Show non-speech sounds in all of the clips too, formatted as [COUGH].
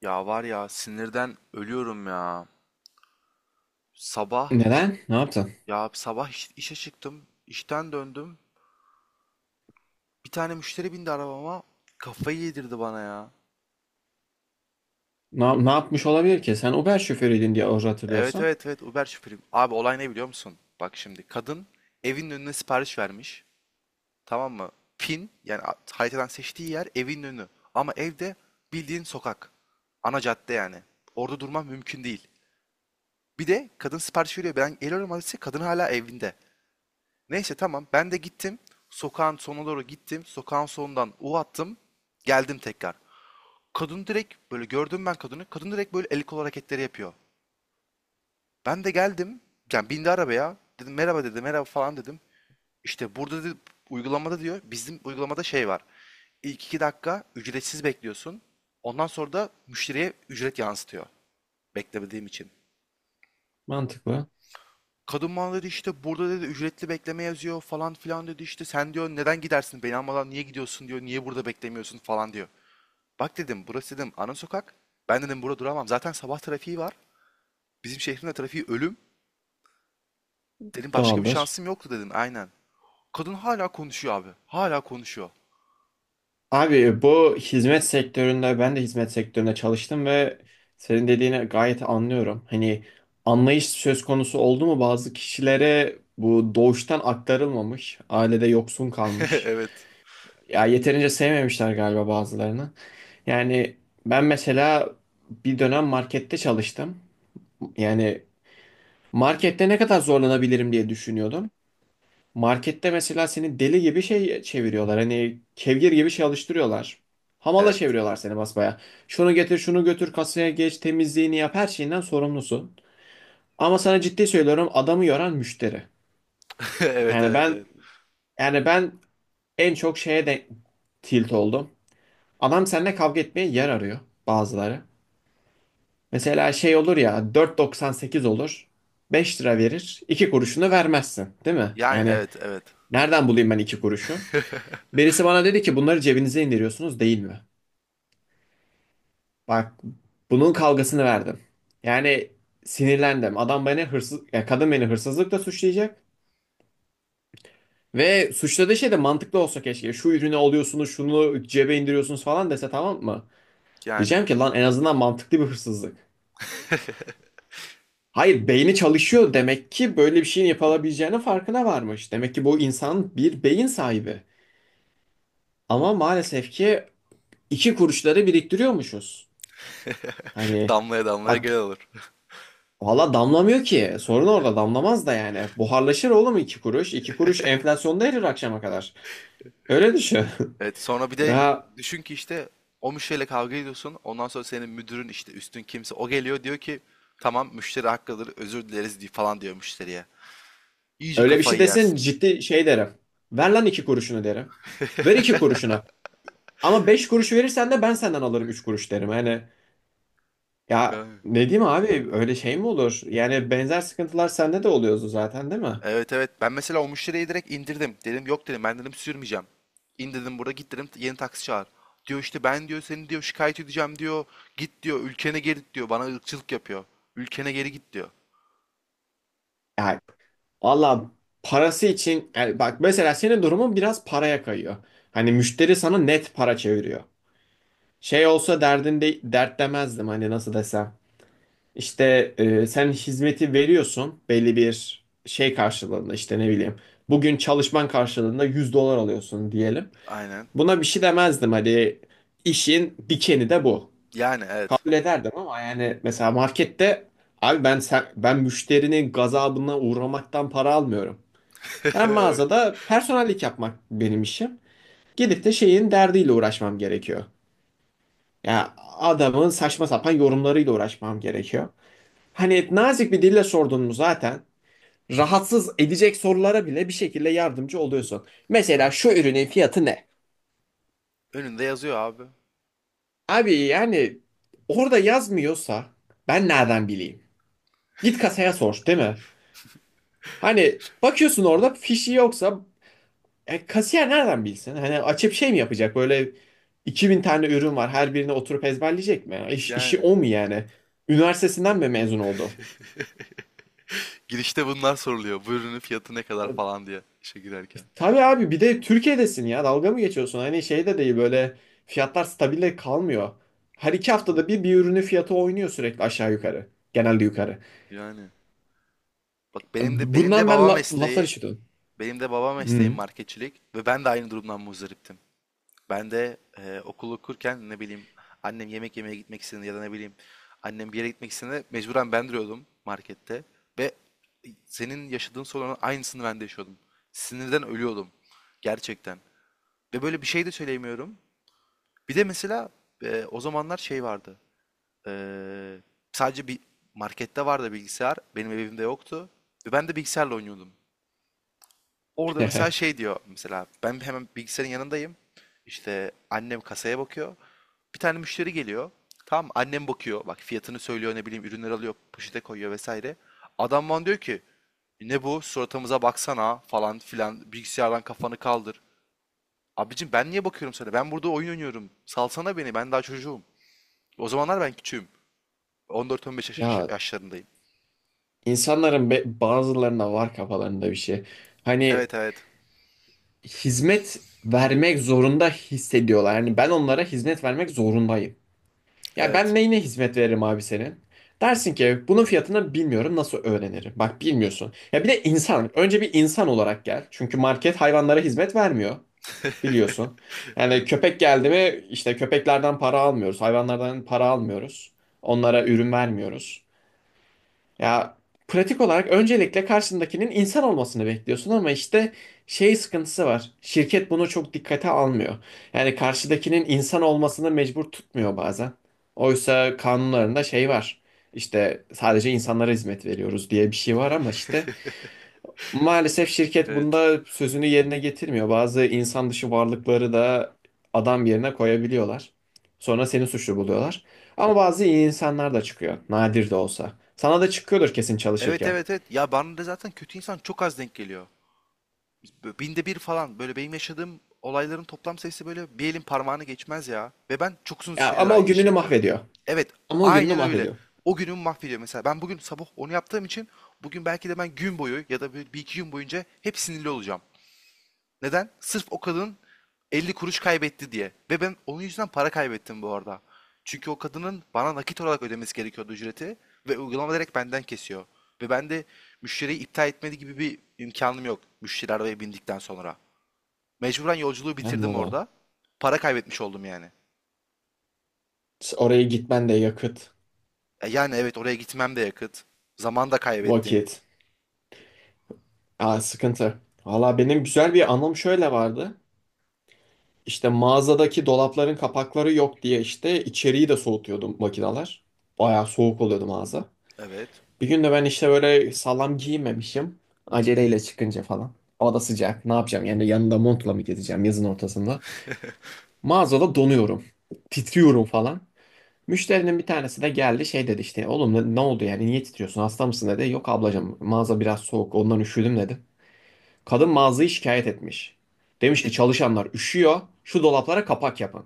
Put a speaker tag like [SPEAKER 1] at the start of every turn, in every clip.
[SPEAKER 1] Ya var ya sinirden ölüyorum ya. Sabah
[SPEAKER 2] Neden? Ne yaptın?
[SPEAKER 1] Ya sabah işe çıktım. İşten döndüm. Bir tane müşteri bindi arabama. Kafayı yedirdi bana ya.
[SPEAKER 2] Ne yapmış olabilir ki? Sen Uber şoförüydün diye orada
[SPEAKER 1] Evet,
[SPEAKER 2] hatırlıyorsan.
[SPEAKER 1] evet, evet, Uber şoförüyüm. Abi olay ne biliyor musun? Bak şimdi kadın evin önüne sipariş vermiş. Tamam mı? Pin yani haritadan seçtiği yer evin önü. Ama evde bildiğin sokak. Ana cadde yani. Orada durmam mümkün değil. Bir de kadın sipariş veriyor. Ben geliyorum adrese, kadın hala evinde. Neyse tamam. Ben de gittim. Sokağın sonuna doğru gittim. Sokağın sonundan U attım. Geldim tekrar. Kadın direkt, böyle gördüm ben kadını. Kadın direkt böyle el kol hareketleri yapıyor. Ben de geldim. Yani bindi arabaya. Dedim merhaba, dedi. Merhaba falan dedim. İşte burada dedi, uygulamada diyor. Bizim uygulamada şey var. İlk 2 dakika ücretsiz bekliyorsun. Ondan sonra da müşteriye ücret yansıtıyor. Beklemediğim için.
[SPEAKER 2] Mantıklı.
[SPEAKER 1] Kadın bana dedi işte burada dedi ücretli bekleme yazıyor falan filan dedi, işte sen diyor neden gidersin beni almadan, niye gidiyorsun diyor, niye burada beklemiyorsun falan diyor. Bak dedim, burası dedim ana sokak, ben dedim burada duramam, zaten sabah trafiği var, bizim şehrin de trafiği ölüm dedim, başka bir
[SPEAKER 2] Doğaldır.
[SPEAKER 1] şansım yoktu dedim, aynen. Kadın hala konuşuyor abi, hala konuşuyor.
[SPEAKER 2] Abi bu hizmet sektöründe ben de hizmet sektöründe çalıştım ve senin dediğini gayet anlıyorum. Hani anlayış söz konusu oldu mu bazı kişilere bu doğuştan aktarılmamış, ailede yoksun kalmış.
[SPEAKER 1] [LAUGHS] Evet,
[SPEAKER 2] Ya yeterince sevmemişler galiba bazılarını. Yani ben mesela bir dönem markette çalıştım. Yani markette ne kadar zorlanabilirim diye düşünüyordum. Markette mesela seni deli gibi şey çeviriyorlar. Hani kevgir gibi şey alıştırıyorlar. Hamala
[SPEAKER 1] evet.
[SPEAKER 2] çeviriyorlar seni basbaya. Şunu getir, şunu götür, kasaya geç, temizliğini yap, her şeyinden sorumlusun. Ama sana ciddi söylüyorum adamı yoran müşteri.
[SPEAKER 1] [LAUGHS] Evet,
[SPEAKER 2] Yani
[SPEAKER 1] evet,
[SPEAKER 2] ben
[SPEAKER 1] evet.
[SPEAKER 2] yani ben en çok şeye de tilt oldum. Adam seninle kavga etmeye yer arıyor bazıları. Mesela şey olur ya 4,98 olur. 5 lira verir. İki kuruşunu vermezsin, değil mi?
[SPEAKER 1] Yani,
[SPEAKER 2] Yani
[SPEAKER 1] evet, evet.
[SPEAKER 2] nereden bulayım ben 2 kuruşu? Birisi bana dedi ki bunları cebinize indiriyorsunuz değil mi? Bak bunun kavgasını verdim. Yani sinirlendim. Adam beni hırsız, ya kadın beni hırsızlıkla suçlayacak. Ve suçladığı şey de mantıklı olsa keşke. Şu ürünü alıyorsunuz, şunu cebe indiriyorsunuz falan dese tamam mı?
[SPEAKER 1] Yani.
[SPEAKER 2] Diyeceğim ki lan en azından mantıklı bir hırsızlık. Hayır beyni çalışıyor demek ki böyle bir şeyin yapılabileceğinin farkına varmış. Demek ki bu insan bir beyin sahibi. Ama maalesef ki iki kuruşları biriktiriyormuşuz.
[SPEAKER 1] [LAUGHS]
[SPEAKER 2] Hani,
[SPEAKER 1] Damlaya damlaya
[SPEAKER 2] bak,
[SPEAKER 1] gel olur.
[SPEAKER 2] valla damlamıyor ki. Sorun orada damlamaz da yani. Buharlaşır oğlum iki kuruş. İki kuruş enflasyonda erir akşama kadar. Öyle düşün.
[SPEAKER 1] Evet, sonra bir
[SPEAKER 2] [LAUGHS]
[SPEAKER 1] de
[SPEAKER 2] Ya
[SPEAKER 1] düşün ki işte o müşteriyle kavga ediyorsun. Ondan sonra senin müdürün, işte üstün kimse o, geliyor diyor ki tamam müşteri haklıdır özür dileriz diye falan diyor müşteriye. İyice
[SPEAKER 2] öyle bir şey
[SPEAKER 1] kafayı
[SPEAKER 2] desen
[SPEAKER 1] yersin.
[SPEAKER 2] ciddi şey derim. Ver lan iki kuruşunu derim. Ver iki kuruşuna. Ama beş kuruş verirsen de ben senden alırım üç kuruş derim. Yani ya
[SPEAKER 1] Yani.
[SPEAKER 2] ne diyeyim abi, öyle şey mi olur? Yani benzer sıkıntılar sende de oluyordu zaten değil mi?
[SPEAKER 1] Evet, evet, ben mesela o müşteriyi direkt indirdim. Dedim yok dedim, ben dedim sürmeyeceğim. İn dedim burada, git dedim yeni taksi çağır. Diyor işte ben diyor seni diyor şikayet edeceğim diyor. Git diyor ülkene geri git diyor, bana ırkçılık yapıyor. Ülkene geri git diyor.
[SPEAKER 2] Ya valla, parası için yani bak mesela senin durumun biraz paraya kayıyor. Hani müşteri sana net para çeviriyor. Şey olsa derdinde dert demezdim hani nasıl desem. İşte sen hizmeti veriyorsun belli bir şey karşılığında işte ne bileyim. Bugün çalışman karşılığında 100 dolar alıyorsun diyelim.
[SPEAKER 1] Aynen.
[SPEAKER 2] Buna bir şey demezdim hani işin dikeni de bu.
[SPEAKER 1] Yani, evet.
[SPEAKER 2] Kabul ederdim ama yani mesela markette abi ben sen, ben müşterinin gazabına uğramaktan para almıyorum. Ben
[SPEAKER 1] [LAUGHS]
[SPEAKER 2] mağazada personellik yapmak benim işim. Gidip de şeyin derdiyle uğraşmam gerekiyor. Ya adamın saçma sapan yorumlarıyla uğraşmam gerekiyor. Hani nazik bir dille sordun mu zaten rahatsız edecek sorulara bile bir şekilde yardımcı oluyorsun. Mesela şu ürünün fiyatı ne?
[SPEAKER 1] Önünde yazıyor abi.
[SPEAKER 2] Abi yani orada yazmıyorsa ben nereden bileyim? Git kasaya sor, değil mi? Hani bakıyorsun orada fişi yoksa kasiyer nereden bilsin? Hani açıp şey mi yapacak? Böyle 2000 tane ürün var. Her birine oturup ezberleyecek mi? İş, işi
[SPEAKER 1] Yani.
[SPEAKER 2] o mu yani? Üniversitesinden mi mezun oldu?
[SPEAKER 1] Girişte bunlar soruluyor. Bu ürünün fiyatı ne kadar falan diye işe girerken.
[SPEAKER 2] Tabii abi bir de Türkiye'desin ya, dalga mı geçiyorsun? Hani şey de değil, böyle fiyatlar stabil kalmıyor. Her iki haftada bir bir ürünün fiyatı oynuyor sürekli aşağı yukarı. Genelde yukarı.
[SPEAKER 1] Yani bak, benim de benim de
[SPEAKER 2] Bundan ben
[SPEAKER 1] baba
[SPEAKER 2] laflar
[SPEAKER 1] mesleği,
[SPEAKER 2] işitiyordum.
[SPEAKER 1] benim de baba mesleğim
[SPEAKER 2] Hmm.
[SPEAKER 1] marketçilik ve ben de aynı durumdan muzdariptim. Ben de okul okurken, ne bileyim, annem yemek yemeye gitmek istediğinde ya da ne bileyim annem bir yere gitmek istediğinde mecburen ben duruyordum markette ve senin yaşadığın sorunun aynısını ben de yaşıyordum. Sinirden ölüyordum gerçekten. Ve böyle bir şey de söyleyemiyorum. Bir de mesela o zamanlar şey vardı. Ee, Sadece bir markette vardı bilgisayar. Benim evimde yoktu. Ve ben de bilgisayarla oynuyordum. Orada mesela
[SPEAKER 2] [LAUGHS]
[SPEAKER 1] şey diyor, mesela ben hemen bilgisayarın yanındayım. İşte annem kasaya bakıyor. Bir tane müşteri geliyor. Tamam mı? Annem bakıyor. Bak fiyatını söylüyor, ne bileyim, ürünler alıyor, poşete koyuyor, vesaire. Adam bana diyor ki ne bu, suratımıza baksana falan filan, bilgisayardan kafanı kaldır. Abicim ben niye bakıyorum sana? Ben burada oyun oynuyorum. Salsana beni, ben daha çocuğum. O zamanlar ben küçüğüm. 14-15
[SPEAKER 2] Ya
[SPEAKER 1] yaşlarındayım.
[SPEAKER 2] insanların bazılarına var kafalarında bir şey. Hani
[SPEAKER 1] Evet, evet.
[SPEAKER 2] hizmet vermek zorunda hissediyorlar. Yani ben onlara hizmet vermek zorundayım. Ya ben
[SPEAKER 1] Evet.
[SPEAKER 2] neyine hizmet veririm abi senin? Dersin ki bunun fiyatını bilmiyorum nasıl öğrenirim? Bak bilmiyorsun. Ya bir de insan. Önce bir insan olarak gel. Çünkü market hayvanlara hizmet vermiyor.
[SPEAKER 1] [LAUGHS]
[SPEAKER 2] Biliyorsun. Yani
[SPEAKER 1] Evet.
[SPEAKER 2] köpek geldi mi işte köpeklerden para almıyoruz. Hayvanlardan para almıyoruz. Onlara ürün vermiyoruz. Ya pratik olarak öncelikle karşındakinin insan olmasını bekliyorsun ama işte şey sıkıntısı var. Şirket bunu çok dikkate almıyor. Yani karşıdakinin insan olmasını mecbur tutmuyor bazen. Oysa kanunlarında şey var. İşte sadece insanlara hizmet veriyoruz diye bir şey var ama işte maalesef şirket
[SPEAKER 1] Evet.
[SPEAKER 2] bunda sözünü yerine getirmiyor. Bazı insan dışı varlıkları da adam yerine koyabiliyorlar. Sonra seni suçlu buluyorlar. Ama bazı iyi insanlar da çıkıyor. Nadir de olsa. Sana da çıkıyordur kesin
[SPEAKER 1] Evet,
[SPEAKER 2] çalışırken.
[SPEAKER 1] evet, evet. Ya bana da zaten kötü insan çok az denk geliyor. Binde bir falan, böyle benim yaşadığım olayların toplam sayısı böyle bir elin parmağını geçmez ya. Ve ben çok uzun
[SPEAKER 2] Ya
[SPEAKER 1] süredir
[SPEAKER 2] ama o
[SPEAKER 1] aynı işi
[SPEAKER 2] gününü
[SPEAKER 1] yapıyorum.
[SPEAKER 2] mahvediyor.
[SPEAKER 1] Evet,
[SPEAKER 2] Ama o gününü
[SPEAKER 1] aynen öyle.
[SPEAKER 2] mahvediyor.
[SPEAKER 1] O günümü mahvediyor. Mesela ben bugün sabah onu yaptığım için bugün belki de ben gün boyu ya da bir iki gün boyunca hep sinirli olacağım. Neden? Sırf o kadın 50 kuruş kaybetti diye. Ve ben onun yüzünden para kaybettim bu arada. Çünkü o kadının bana nakit olarak ödemesi gerekiyordu ücreti ve uygulama direkt benden kesiyor. Ve ben de müşteriyi iptal etmedi gibi bir imkanım yok müşteri arabaya bindikten sonra. Mecburen yolculuğu bitirdim
[SPEAKER 2] Anladım.
[SPEAKER 1] orada. Para kaybetmiş oldum yani.
[SPEAKER 2] Da. Oraya gitmen de yakıt,
[SPEAKER 1] E yani evet, oraya gitmem de yakıt. Zaman da kaybettim.
[SPEAKER 2] vakit. Aa, sıkıntı. Valla benim güzel bir anım şöyle vardı. İşte mağazadaki dolapların kapakları yok diye işte içeriği de soğutuyordu makineler. Bayağı soğuk oluyordu mağaza.
[SPEAKER 1] Evet.
[SPEAKER 2] Bir gün de ben işte böyle sağlam giyinmemişim. Aceleyle çıkınca falan. Hava da sıcak. Ne yapacağım? Yani yanında montla mı gezeceğim yazın ortasında? Mağazada donuyorum. Titriyorum falan. Müşterinin bir tanesi de geldi şey dedi işte oğlum ne oldu yani niye titriyorsun hasta mısın dedi. Yok ablacığım mağaza biraz soğuk ondan üşüdüm dedi. Kadın mağazayı şikayet etmiş. Demiş ki
[SPEAKER 1] Ne-
[SPEAKER 2] çalışanlar üşüyor şu dolaplara kapak yapın.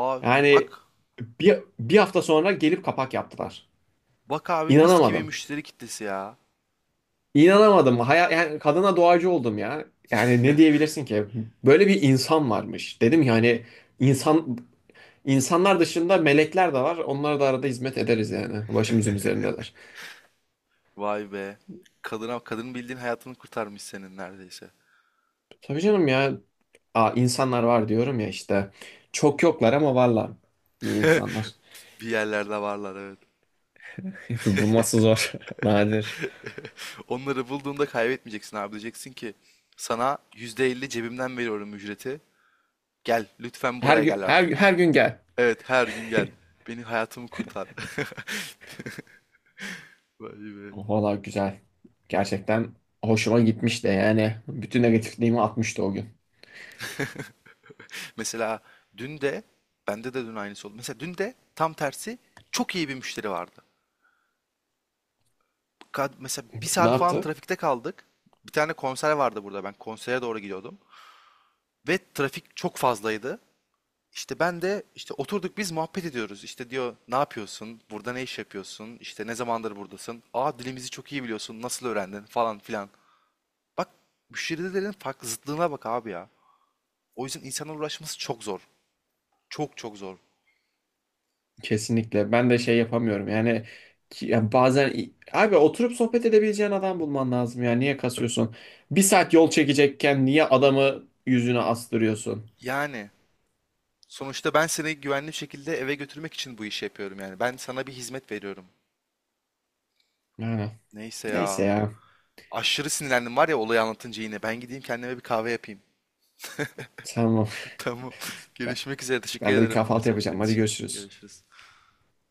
[SPEAKER 1] Aa
[SPEAKER 2] Yani
[SPEAKER 1] bak.
[SPEAKER 2] bir hafta sonra gelip kapak yaptılar.
[SPEAKER 1] Bak abi, mis gibi
[SPEAKER 2] İnanamadım.
[SPEAKER 1] müşteri kitlesi ya.
[SPEAKER 2] İnanamadım. Yani kadına doğacı oldum ya. Yani ne diyebilirsin ki? Böyle bir insan varmış. Dedim ya hani insan insanlar dışında melekler de var. Onlara da arada hizmet ederiz yani. Başımızın üzerindeler.
[SPEAKER 1] Vay be. Kadına, kadının bildiğin hayatını kurtarmış senin neredeyse.
[SPEAKER 2] Tabii canım ya. Aa, insanlar var diyorum ya işte. Çok yoklar ama varlar. İyi
[SPEAKER 1] [LAUGHS]
[SPEAKER 2] insanlar.
[SPEAKER 1] Bir yerlerde varlar, evet.
[SPEAKER 2] [LAUGHS] Bulması zor. [LAUGHS] Nadir.
[SPEAKER 1] [LAUGHS] Onları bulduğunda kaybetmeyeceksin abi. Diyeceksin ki sana %50 cebimden veriyorum ücreti. Gel lütfen,
[SPEAKER 2] Her
[SPEAKER 1] buraya
[SPEAKER 2] gün
[SPEAKER 1] gel
[SPEAKER 2] her,
[SPEAKER 1] artık.
[SPEAKER 2] gün- her gün gel.
[SPEAKER 1] Evet, her gün gel. Beni, hayatımı kurtar. [LAUGHS] Vay be.
[SPEAKER 2] Valla güzel. Gerçekten hoşuma gitmişti yani. Bütün negatifliğimi atmıştı o gün.
[SPEAKER 1] Mesela dün de, bende de dün aynısı oldu. Mesela dün de tam tersi çok iyi bir müşteri vardı. Mesela bir
[SPEAKER 2] Ne
[SPEAKER 1] saat falan
[SPEAKER 2] yaptı?
[SPEAKER 1] trafikte kaldık. Bir tane konser vardı burada. Ben konsere doğru gidiyordum. Ve trafik çok fazlaydı. İşte ben de, işte oturduk biz muhabbet ediyoruz. İşte diyor ne yapıyorsun? Burada ne iş yapıyorsun? İşte ne zamandır buradasın? Aa, dilimizi çok iyi biliyorsun. Nasıl öğrendin? Falan filan. Bak müşterilerin farklı zıtlığına bak abi ya. O yüzden insanlarla uğraşması çok zor. Çok çok zor.
[SPEAKER 2] Kesinlikle. Ben de şey yapamıyorum. Yani, ya bazen abi oturup sohbet edebileceğin adam bulman lazım ya. Niye kasıyorsun? Bir saat yol çekecekken niye adamı yüzüne astırıyorsun?
[SPEAKER 1] Yani sonuçta ben seni güvenli bir şekilde eve götürmek için bu işi yapıyorum yani. Ben sana bir hizmet veriyorum.
[SPEAKER 2] Yani
[SPEAKER 1] Neyse
[SPEAKER 2] neyse
[SPEAKER 1] ya.
[SPEAKER 2] ya.
[SPEAKER 1] Aşırı sinirlendim var ya, olayı anlatınca yine. Ben gideyim kendime bir kahve yapayım.
[SPEAKER 2] Tamam.
[SPEAKER 1] Tamam.
[SPEAKER 2] [LAUGHS] Ben,
[SPEAKER 1] Görüşmek üzere. Teşekkür
[SPEAKER 2] ben de bir
[SPEAKER 1] ederim yine
[SPEAKER 2] kahvaltı yapacağım.
[SPEAKER 1] sohbet
[SPEAKER 2] Hadi
[SPEAKER 1] için.
[SPEAKER 2] görüşürüz.
[SPEAKER 1] Görüşürüz.